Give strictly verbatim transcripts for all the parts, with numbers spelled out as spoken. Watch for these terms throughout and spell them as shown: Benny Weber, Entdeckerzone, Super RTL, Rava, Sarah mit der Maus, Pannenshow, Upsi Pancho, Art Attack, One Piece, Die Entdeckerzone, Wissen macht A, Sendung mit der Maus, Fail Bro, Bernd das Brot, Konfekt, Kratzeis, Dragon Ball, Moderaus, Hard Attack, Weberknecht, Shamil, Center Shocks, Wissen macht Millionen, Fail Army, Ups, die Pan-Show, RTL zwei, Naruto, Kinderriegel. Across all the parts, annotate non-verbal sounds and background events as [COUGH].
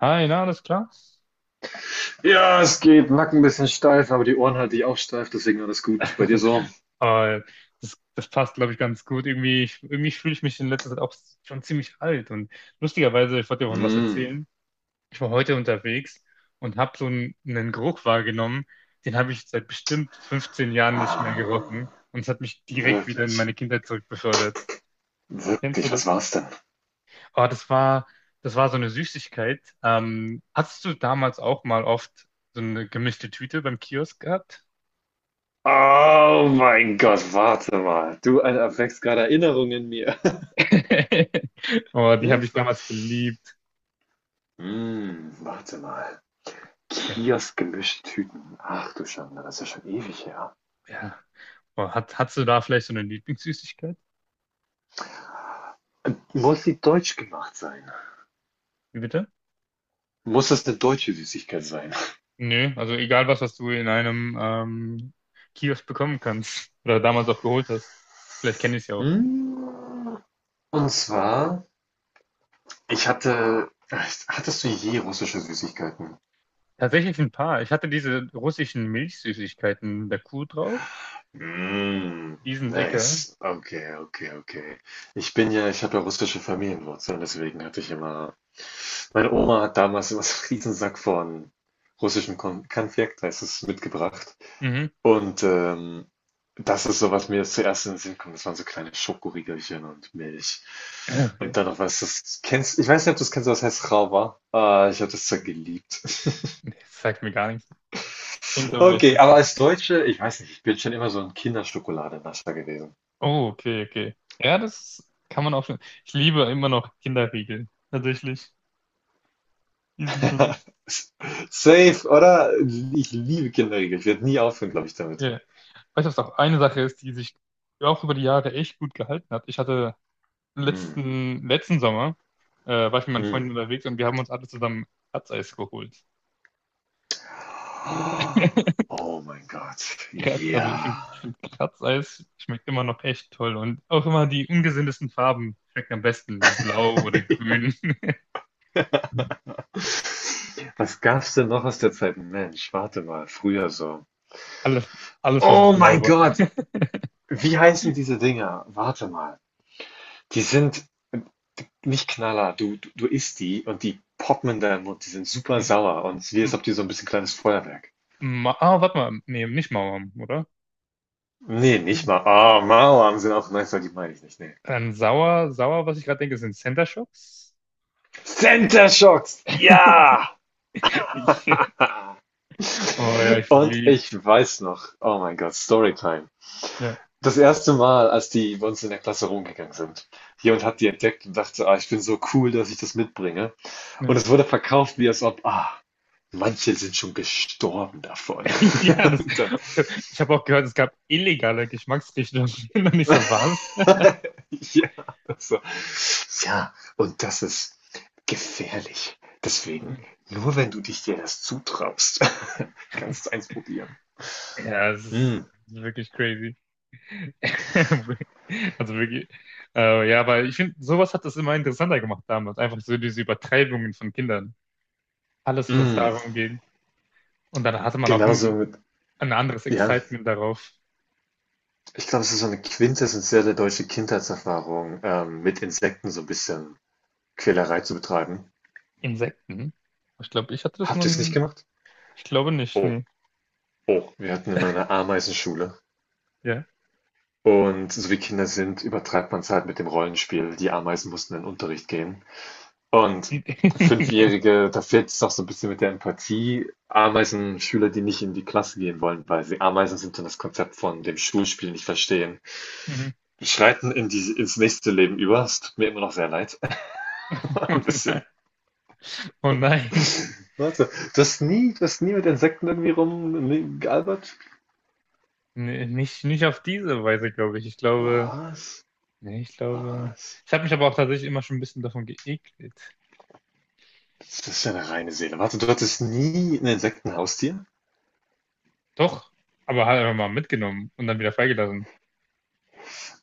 Hi, na, alles klar? Ja, es geht. Nacken ein bisschen steif, aber die Ohren halte ich auch steif, deswegen alles gut. Bei dir [LAUGHS] so? Aber das, das passt, glaube ich, ganz gut. Irgendwie, ich- irgendwie fühle ich mich in letzter Zeit auch schon ziemlich alt. Und lustigerweise, ich wollte dir auch noch was Mm. erzählen. Ich war heute unterwegs und habe so einen, einen Geruch wahrgenommen, den habe ich seit bestimmt fünfzehn Jahren nicht mehr Ah, gerochen. Und es hat mich direkt wieder in wirklich, meine Kindheit zurückbefördert. Kennst du wirklich, was das? war's denn? Oh, das war, das war so eine Süßigkeit. Ähm, hattest du damals auch mal oft so eine gemischte Tüte beim Kiosk gehabt? Oh mein Gott, warte mal. Du ein- erweckst gerade Erinnerungen in mir. [LAUGHS] Oh, [LAUGHS] die habe ich Hilfe. damals geliebt. Mm, warte mal. Ja, Kiosk gemischt Tüten. Ach du Schande, das ist ja schon ewig her. ja. Oh, hat, hast du da vielleicht so eine Lieblingssüßigkeit? Äh, Muss sie deutsch gemacht sein? Wie bitte? Muss das eine deutsche Süßigkeit sein? Nö, also egal was, was du in einem ähm, Kiosk bekommen kannst oder damals auch geholt hast. Vielleicht kenne ich es ja auch. Mm. Und zwar Ich hatte, hattest du je russische Süßigkeiten? Tatsächlich ein paar. Ich hatte diese russischen Milchsüßigkeiten mit der Kuh drauf. Mm, Die sind lecker. nice. Okay, okay, okay. Ich bin ja, ich habe ja russische Familienwurzeln, deswegen hatte ich immer, meine Oma hat damals immer so einen Riesensack von russischem Kon Konfekt, heißt es, mitgebracht. Mhm. Und ähm, das ist so, was mir jetzt zuerst in den Sinn kommt. Das waren so kleine Schokoriegelchen und Milch. [CLEARS THROAT] Okay. Und dann noch was, das kennst, ich weiß nicht, ob du es kennst, aber das heißt Rava. Ah, ich habe das zwar geliebt. Nee, das sagt mir gar nichts. Klingt aber echt Okay, aber witzig. als Deutsche, ich weiß nicht, ich bin schon immer so ein Kinderschokoladenascher gewesen. Oh, okay, okay. Ja, das kann man auch schon. Ich liebe immer noch Kinderriegel. Tatsächlich. Die sind schon. [LAUGHS] Safe, oder? Ich liebe Kinderriegel. Ich werde nie aufhören, glaube ich, damit. Ja. Weißt du, was auch eine Sache ist, die sich auch über die Jahre echt gut gehalten hat? Ich hatte Mm, letzten, letzten Sommer, äh, war ich mit meinen Freunden mm. unterwegs und wir haben uns alle zusammen Kratzeis geholt. [LAUGHS] Oh mein Gott. Kratz, also ich finde Ja. ich find Kratzeis schmeckt immer noch echt toll und auch immer die ungesündesten Farben schmecken am besten. Blau oder grün. [LAUGHS] Was gab's denn noch aus der Zeit? Mensch, warte mal, früher so. Alles, alles was Oh blau mein war. Gott. Wie heißen diese Dinger? Warte mal. Die sind nicht Knaller. Du, du, du isst die und die poppen in deinen Mund. Die sind super M- sauer und es ist wie, als m- ob die so ein bisschen kleines Feuerwerk. Ma ah, warte mal. Nee, nicht Mauern, oder? Nee, Die nicht Kuh. mal. Ah, Mauern sind auch nice, aber die meine ich nicht. Nee. Dann sauer, sauer, was ich gerade denke, sind Center Shocks. Center Shocks! [LAUGHS] Ja! Ich, [LAUGHS] Oh ja, ich Und liebe. ich weiß noch, oh mein Gott, Storytime. Ja, Das erste Mal, als die bei uns in der Klasse rumgegangen sind. Jemand hat die entdeckt und dachte, ah, ich bin so cool, dass ich das mitbringe. Und ja. es wurde verkauft, wie als ob, ah, manche sind schon gestorben davon. [LAUGHS] Ja, [LAUGHS] das, Und dann ich habe ich hab auch gehört, es gab illegale Geschmacksrichtungen. [LAUGHS] Und ich so, was? [LAUGHS] ja, also, ja, und das ist gefährlich. Deswegen, nur wenn du dich dir das zutraust, [LAUGHS] kannst du eins probieren. Ja, es Mm, ist wirklich crazy. [LAUGHS] Also wirklich. Äh, ja, aber ich finde, sowas hat das immer interessanter gemacht damals. Einfach so diese Übertreibungen von Kindern. Alles, was mm. darum geht. Und dann hatte man auch Genauso ein, mit, ein anderes ja, Excitement darauf. ich glaube, es ist so eine quintessentielle deutsche Kindheitserfahrung, ähm, mit Insekten so ein bisschen Quälerei zu betreiben. Insekten. Ich glaube, ich hatte das Habt ihr es nicht nun. gemacht? Ich glaube nicht, Oh, nee. oh, wir hatten immer eine Ameisenschule. Ja. Und so wie Kinder sind, übertreibt man es halt mit dem Rollenspiel. Die Ameisen mussten in den Unterricht gehen. Und Die, [LAUGHS] Fünfjährige, da fehlt es doch so ein bisschen mit der Empathie. Ameisen-Schüler, die nicht in die Klasse gehen wollen, weil sie Ameisen sind und das Konzept von dem Schulspiel nicht verstehen, Mhm. schreiten in die ins nächste Leben über. Es tut mir immer noch sehr leid, [LAUGHS] Oh 'n nein. bisschen. Oh nein. Warte, du hast nie du hast nie mit Insekten irgendwie rumgealbert. Nee, nicht, nicht auf diese Weise, glaube ich. Ich glaube, Was? nee, ich glaube. Was? Ich habe mich aber auch tatsächlich immer schon ein bisschen davon geekelt. Das ist ja eine reine Seele. Warte, du hattest nie ein Insektenhaustier? Doch, aber halt einfach mal mitgenommen und dann wieder freigelassen.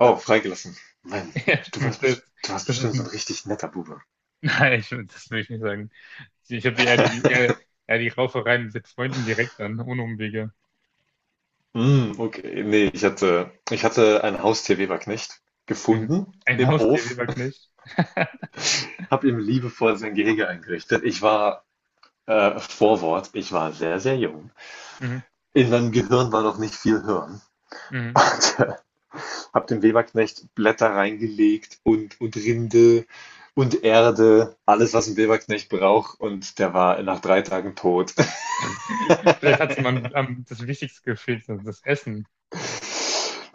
Oh, freigelassen. Mann, [LAUGHS] Ja, du warst Das, best du warst das ist, bestimmt so ein ein- richtig netter Bube. [LAUGHS] nein, ich, das will ich nicht sagen. Ich habe eher die, eher, eher die Raufereien mit Freunden direkt an, ohne Umwege. Hm, okay. Nee, ich hatte ich hatte ein Haustier Weberknecht Mhm. gefunden Ein im Haustier, Hof, Weberknecht. [LAUGHS] [LAUGHS] habe ihm liebevoll sein Gehege eingerichtet. Ich war äh, Vorwort, ich war sehr, sehr jung. Mhm. In meinem Gehirn war noch nicht viel Hirn. [LAUGHS] Mhm. Und, äh, habe dem Weberknecht Blätter reingelegt und und Rinde und Erde, alles, was ein Weberknecht braucht. Und der war nach drei Tagen tot. [LAUGHS] Vielleicht hat jemand am, das Wichtigste gefehlt, das Essen.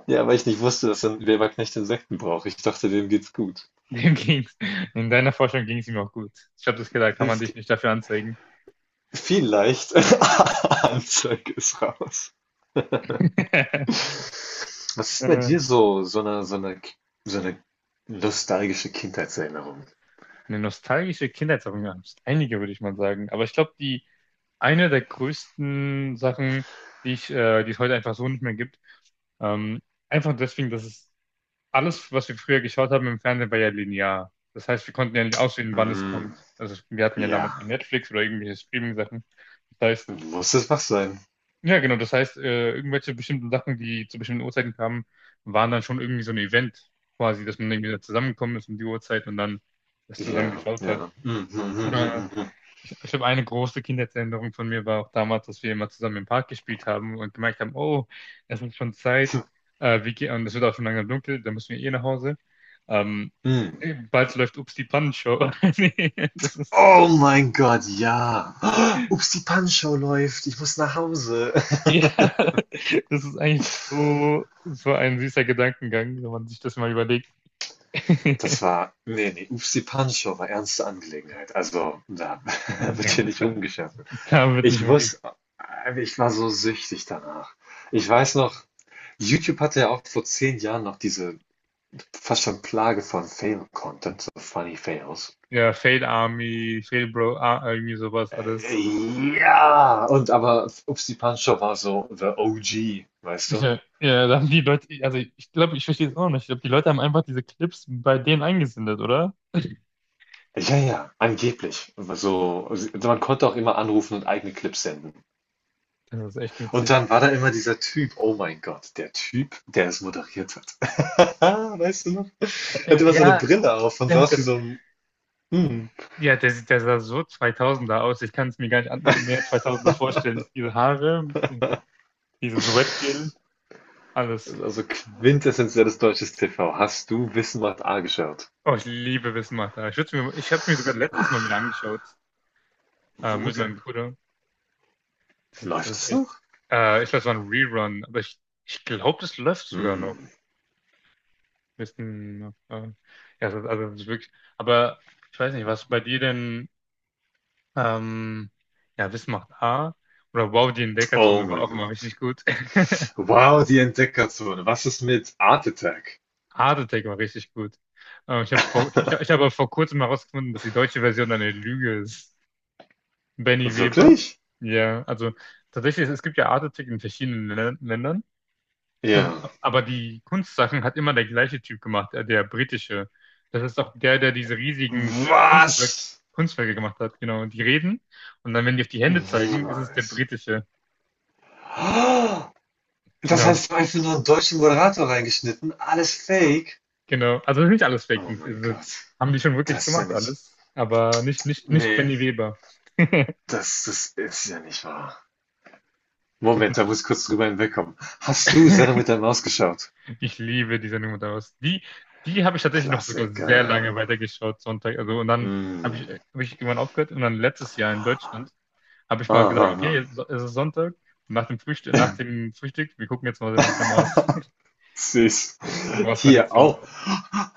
Ja, weil ich nicht wusste, dass ein Weberknecht Insekten braucht. Ich dachte, dem geht's gut. Dem ging's. In deiner Forschung ging es ihm auch gut. Ich habe das gedacht, kann man Es dich nicht dafür anzeigen. Vielleicht. [LAUGHS] Anzeige ist raus. [LAUGHS] Was ist bei Äh, dir so, so eine, so eine, so eine nostalgische Kindheitserinnerung? Eine nostalgische Kindheitserinnerung. Wir haben einige, würde ich mal sagen. Aber ich glaube, die eine der größten Sachen, die ich, äh, die es heute einfach so nicht mehr gibt, ähm, einfach deswegen, dass es alles, was wir früher geschaut haben im Fernsehen, war ja linear. Das heißt, wir konnten ja nicht auswählen, wann es Mm, kommt. Also wir hatten ja ja, damals kein Netflix oder irgendwelche Streaming-Sachen. Das heißt, muss es was sein? Ja, genau. Das heißt, äh, irgendwelche bestimmten Sachen, die zu bestimmten Uhrzeiten kamen, waren dann schon irgendwie so ein Event quasi, dass man irgendwie da zusammengekommen ist um die Uhrzeit und dann das zusammen Ja, geschaut hat. ja. Mm, mm, mm, Oder mm, ich, ich habe eine große Kindheitserinnerung von mir war auch damals, dass wir immer zusammen im Park gespielt haben und gemerkt haben, oh, es ist schon Zeit, mm, äh, wir gehen, und es wird auch schon langsam dunkel, dann müssen wir eh nach Hause. Ähm, mm. bald läuft Ups die Pannenshow. [LAUGHS] Nee, das ist Oh mein Gott, ja. [GASPS] Oh, Ups, die Pan-Show läuft. Ich muss nach Hause. [LAUGHS] ja, [LAUGHS] das ist eigentlich so, so ein süßer Gedankengang, wenn man sich das mal überlegt. [LAUGHS] Das war, nee, nee, Ups, die Pan-Show war ernste Angelegenheit. Also, da [LAUGHS] wird Ja, hier nicht da, rumgeschafft. da wird nicht Ich umgeht. wusste, ich war so süchtig danach. Ja, Ich weiß noch, YouTube hatte ja auch vor zehn Jahren noch diese fast schon Plage von Fail-Content, so Funny Fails. Ja, Fail Army, Fail Bro, Ar- irgendwie sowas alles. Äh, Ja, und aber Upsi Pancho war so the O G, weißt du? Ja, ja, da haben die Leute, also ich glaube, ich verstehe es auch nicht. Ich glaube, die Leute haben einfach diese Clips bei denen eingesendet, oder? Ja, ja, angeblich. So, also man konnte auch immer anrufen und eigene Clips senden. Das ist echt Und witzig. dann war da immer dieser Typ, oh mein Gott, der Typ, der es moderiert hat. [LAUGHS] Ah, weißt du noch? Er hatte Äh, immer so eine Ja, Brille auf und der mit saß wie dem, so ein, mm, ja, der sieht, der sah so zweitausender aus. Ich kann es mir gar nicht an, mehr zweitausender vorstellen. Diese Haare, dieses Wetgel, alles. also quintessentielles deutsches T V. Hast du Wissen macht A geschaut? Oh, ich liebe Wissen macht Millionen. Ich würd's mir, ich habe mir sogar letztens mal wieder angeschaut äh, Wo mit denn? meinem Bruder. Das, ist- das Läuft ist es echt. noch? Äh, ich glaube, es war ein Rerun, aber ich, ich glaube, das läuft sogar noch. Hm. Wissen, äh, ja, das, also das ist wirklich. Aber ich weiß nicht, was bei dir denn ähm, ja Wissen macht A oder Wow, die Oh Entdeckerzone war mein auch immer Gott. richtig gut. Wow, die Entdeckerzone. Was ist mit Art Attack? [LAUGHS] Hard Attack war richtig gut. Äh, ich habe vor, ich, hab- ich habe vor kurzem mal herausgefunden, dass die deutsche Version eine Lüge ist. Benny Weber. Wirklich? Ja, also tatsächlich, es gibt ja Art-Artikel in verschiedenen Lä- Ländern. Ja. Und, aber die Kunstsachen hat immer der gleiche Typ gemacht, der, der britische. Das ist auch der, der diese riesigen äh, Kunstwerk, Was? Kunstwerke gemacht hat, genau. Die reden und dann, wenn die auf die Hände zeigen, ist es der Niemals. britische. Ah, das Genau, heißt, einfach nur einen deutschen Moderator reingeschnitten. Alles fake. genau. Also nicht alles Fake Oh News. mein Also, Gott. haben die schon wirklich Das ist ja gemacht nicht. alles, aber nicht, nicht, nicht Nee, Benny Weber. [LAUGHS] das, das ist ja nicht wahr. Tut Moment, da muss mir ich kurz drüber hinwegkommen. Hast du leid. Sarah [LAUGHS] mit der Maus geschaut? Ich liebe die Sendung Moderaus. Die, die habe ich tatsächlich noch sogar sehr Klassiker. lange weitergeschaut, Sonntag. Also, und dann habe Hm. ich, äh, hab ich irgendwann aufgehört und dann letztes Jahr in Deutschland habe ich mal gesagt, Aha. okay, so- es ist Sonntag, nach dem Frühstück, nach dem Frühstück, wir gucken jetzt mal Sendung mit der Maus. Süß. [LAUGHS] Eine Hier Maus-Tradition. auch.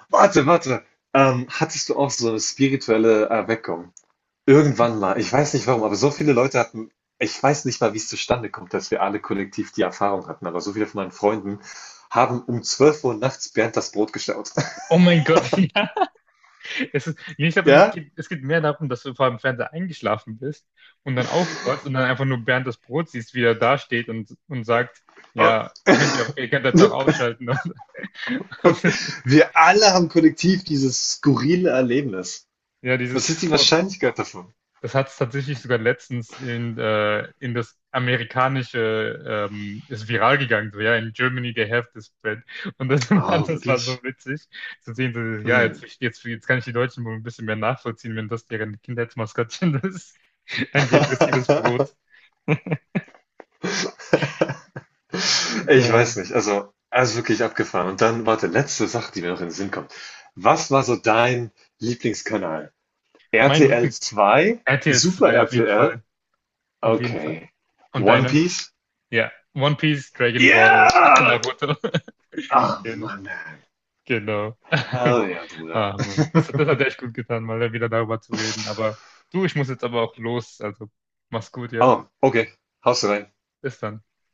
Warte, warte. Ähm, hattest du auch so eine spirituelle Erweckung? Irgendwann mal. Ich weiß nicht warum, aber so viele Leute hatten, ich weiß nicht mal, wie es zustande kommt, dass wir alle kollektiv die Erfahrung hatten, aber so viele von meinen Freunden haben um zwölf Uhr nachts Bernd das Brot gestaut. [LAUGHS] Oh mein Gott, [LAUGHS] ja. Es ist, nee, ich glaube, es, Ja? geht- es geht mehr darum, dass du vor dem Fernseher eingeschlafen bist und dann aufwachst und dann einfach nur Bernd das Brot siehst, wie er da steht und, und sagt, ja, könnt ihr, auch- ihr könnt jetzt auch Und ausschalten. [LAUGHS] Und, und das ist, wir alle haben kollektiv dieses skurrile Erlebnis. ja, dieses. Was ist die Oh, Wahrscheinlichkeit davon? das hat es tatsächlich sogar letztens in, äh, in das amerikanische, ähm, ist viral gegangen, so, ja, in Germany they have this bread. Und das [LAUGHS] war, Oh, das war so wirklich? witzig zu sehen, so, ja, Hm. jetzt, jetzt, jetzt kann ich die Deutschen wohl ein bisschen mehr nachvollziehen, wenn das deren Kindheitsmaskottchen [LAUGHS] ist. Ein depressives [LAUGHS] Brot. Ich Äh, weiß nicht. Also, also wirklich abgefahren. Und dann, warte, letzte Sache, die mir noch in den Sinn kommt. Was war so dein Lieblingskanal? mein RTL Lieblings zwei? R T L Super zwei auf jeden R T L? Fall, auf jeden Fall. Okay. Und One deine? Piece? Ja, One Piece, Dragon Ball, [LAUGHS] Yeah! Naruto. [LAUGHS] Oh Genau. Mann, man. Genau. [LAUGHS] Hell yeah, Bruder. Ah, Mann. Das, das hat echt gut getan, mal wieder darüber zu reden. Aber du, ich muss jetzt aber auch los. Also mach's gut, ja? Oh, okay. Haust du rein. Bis dann.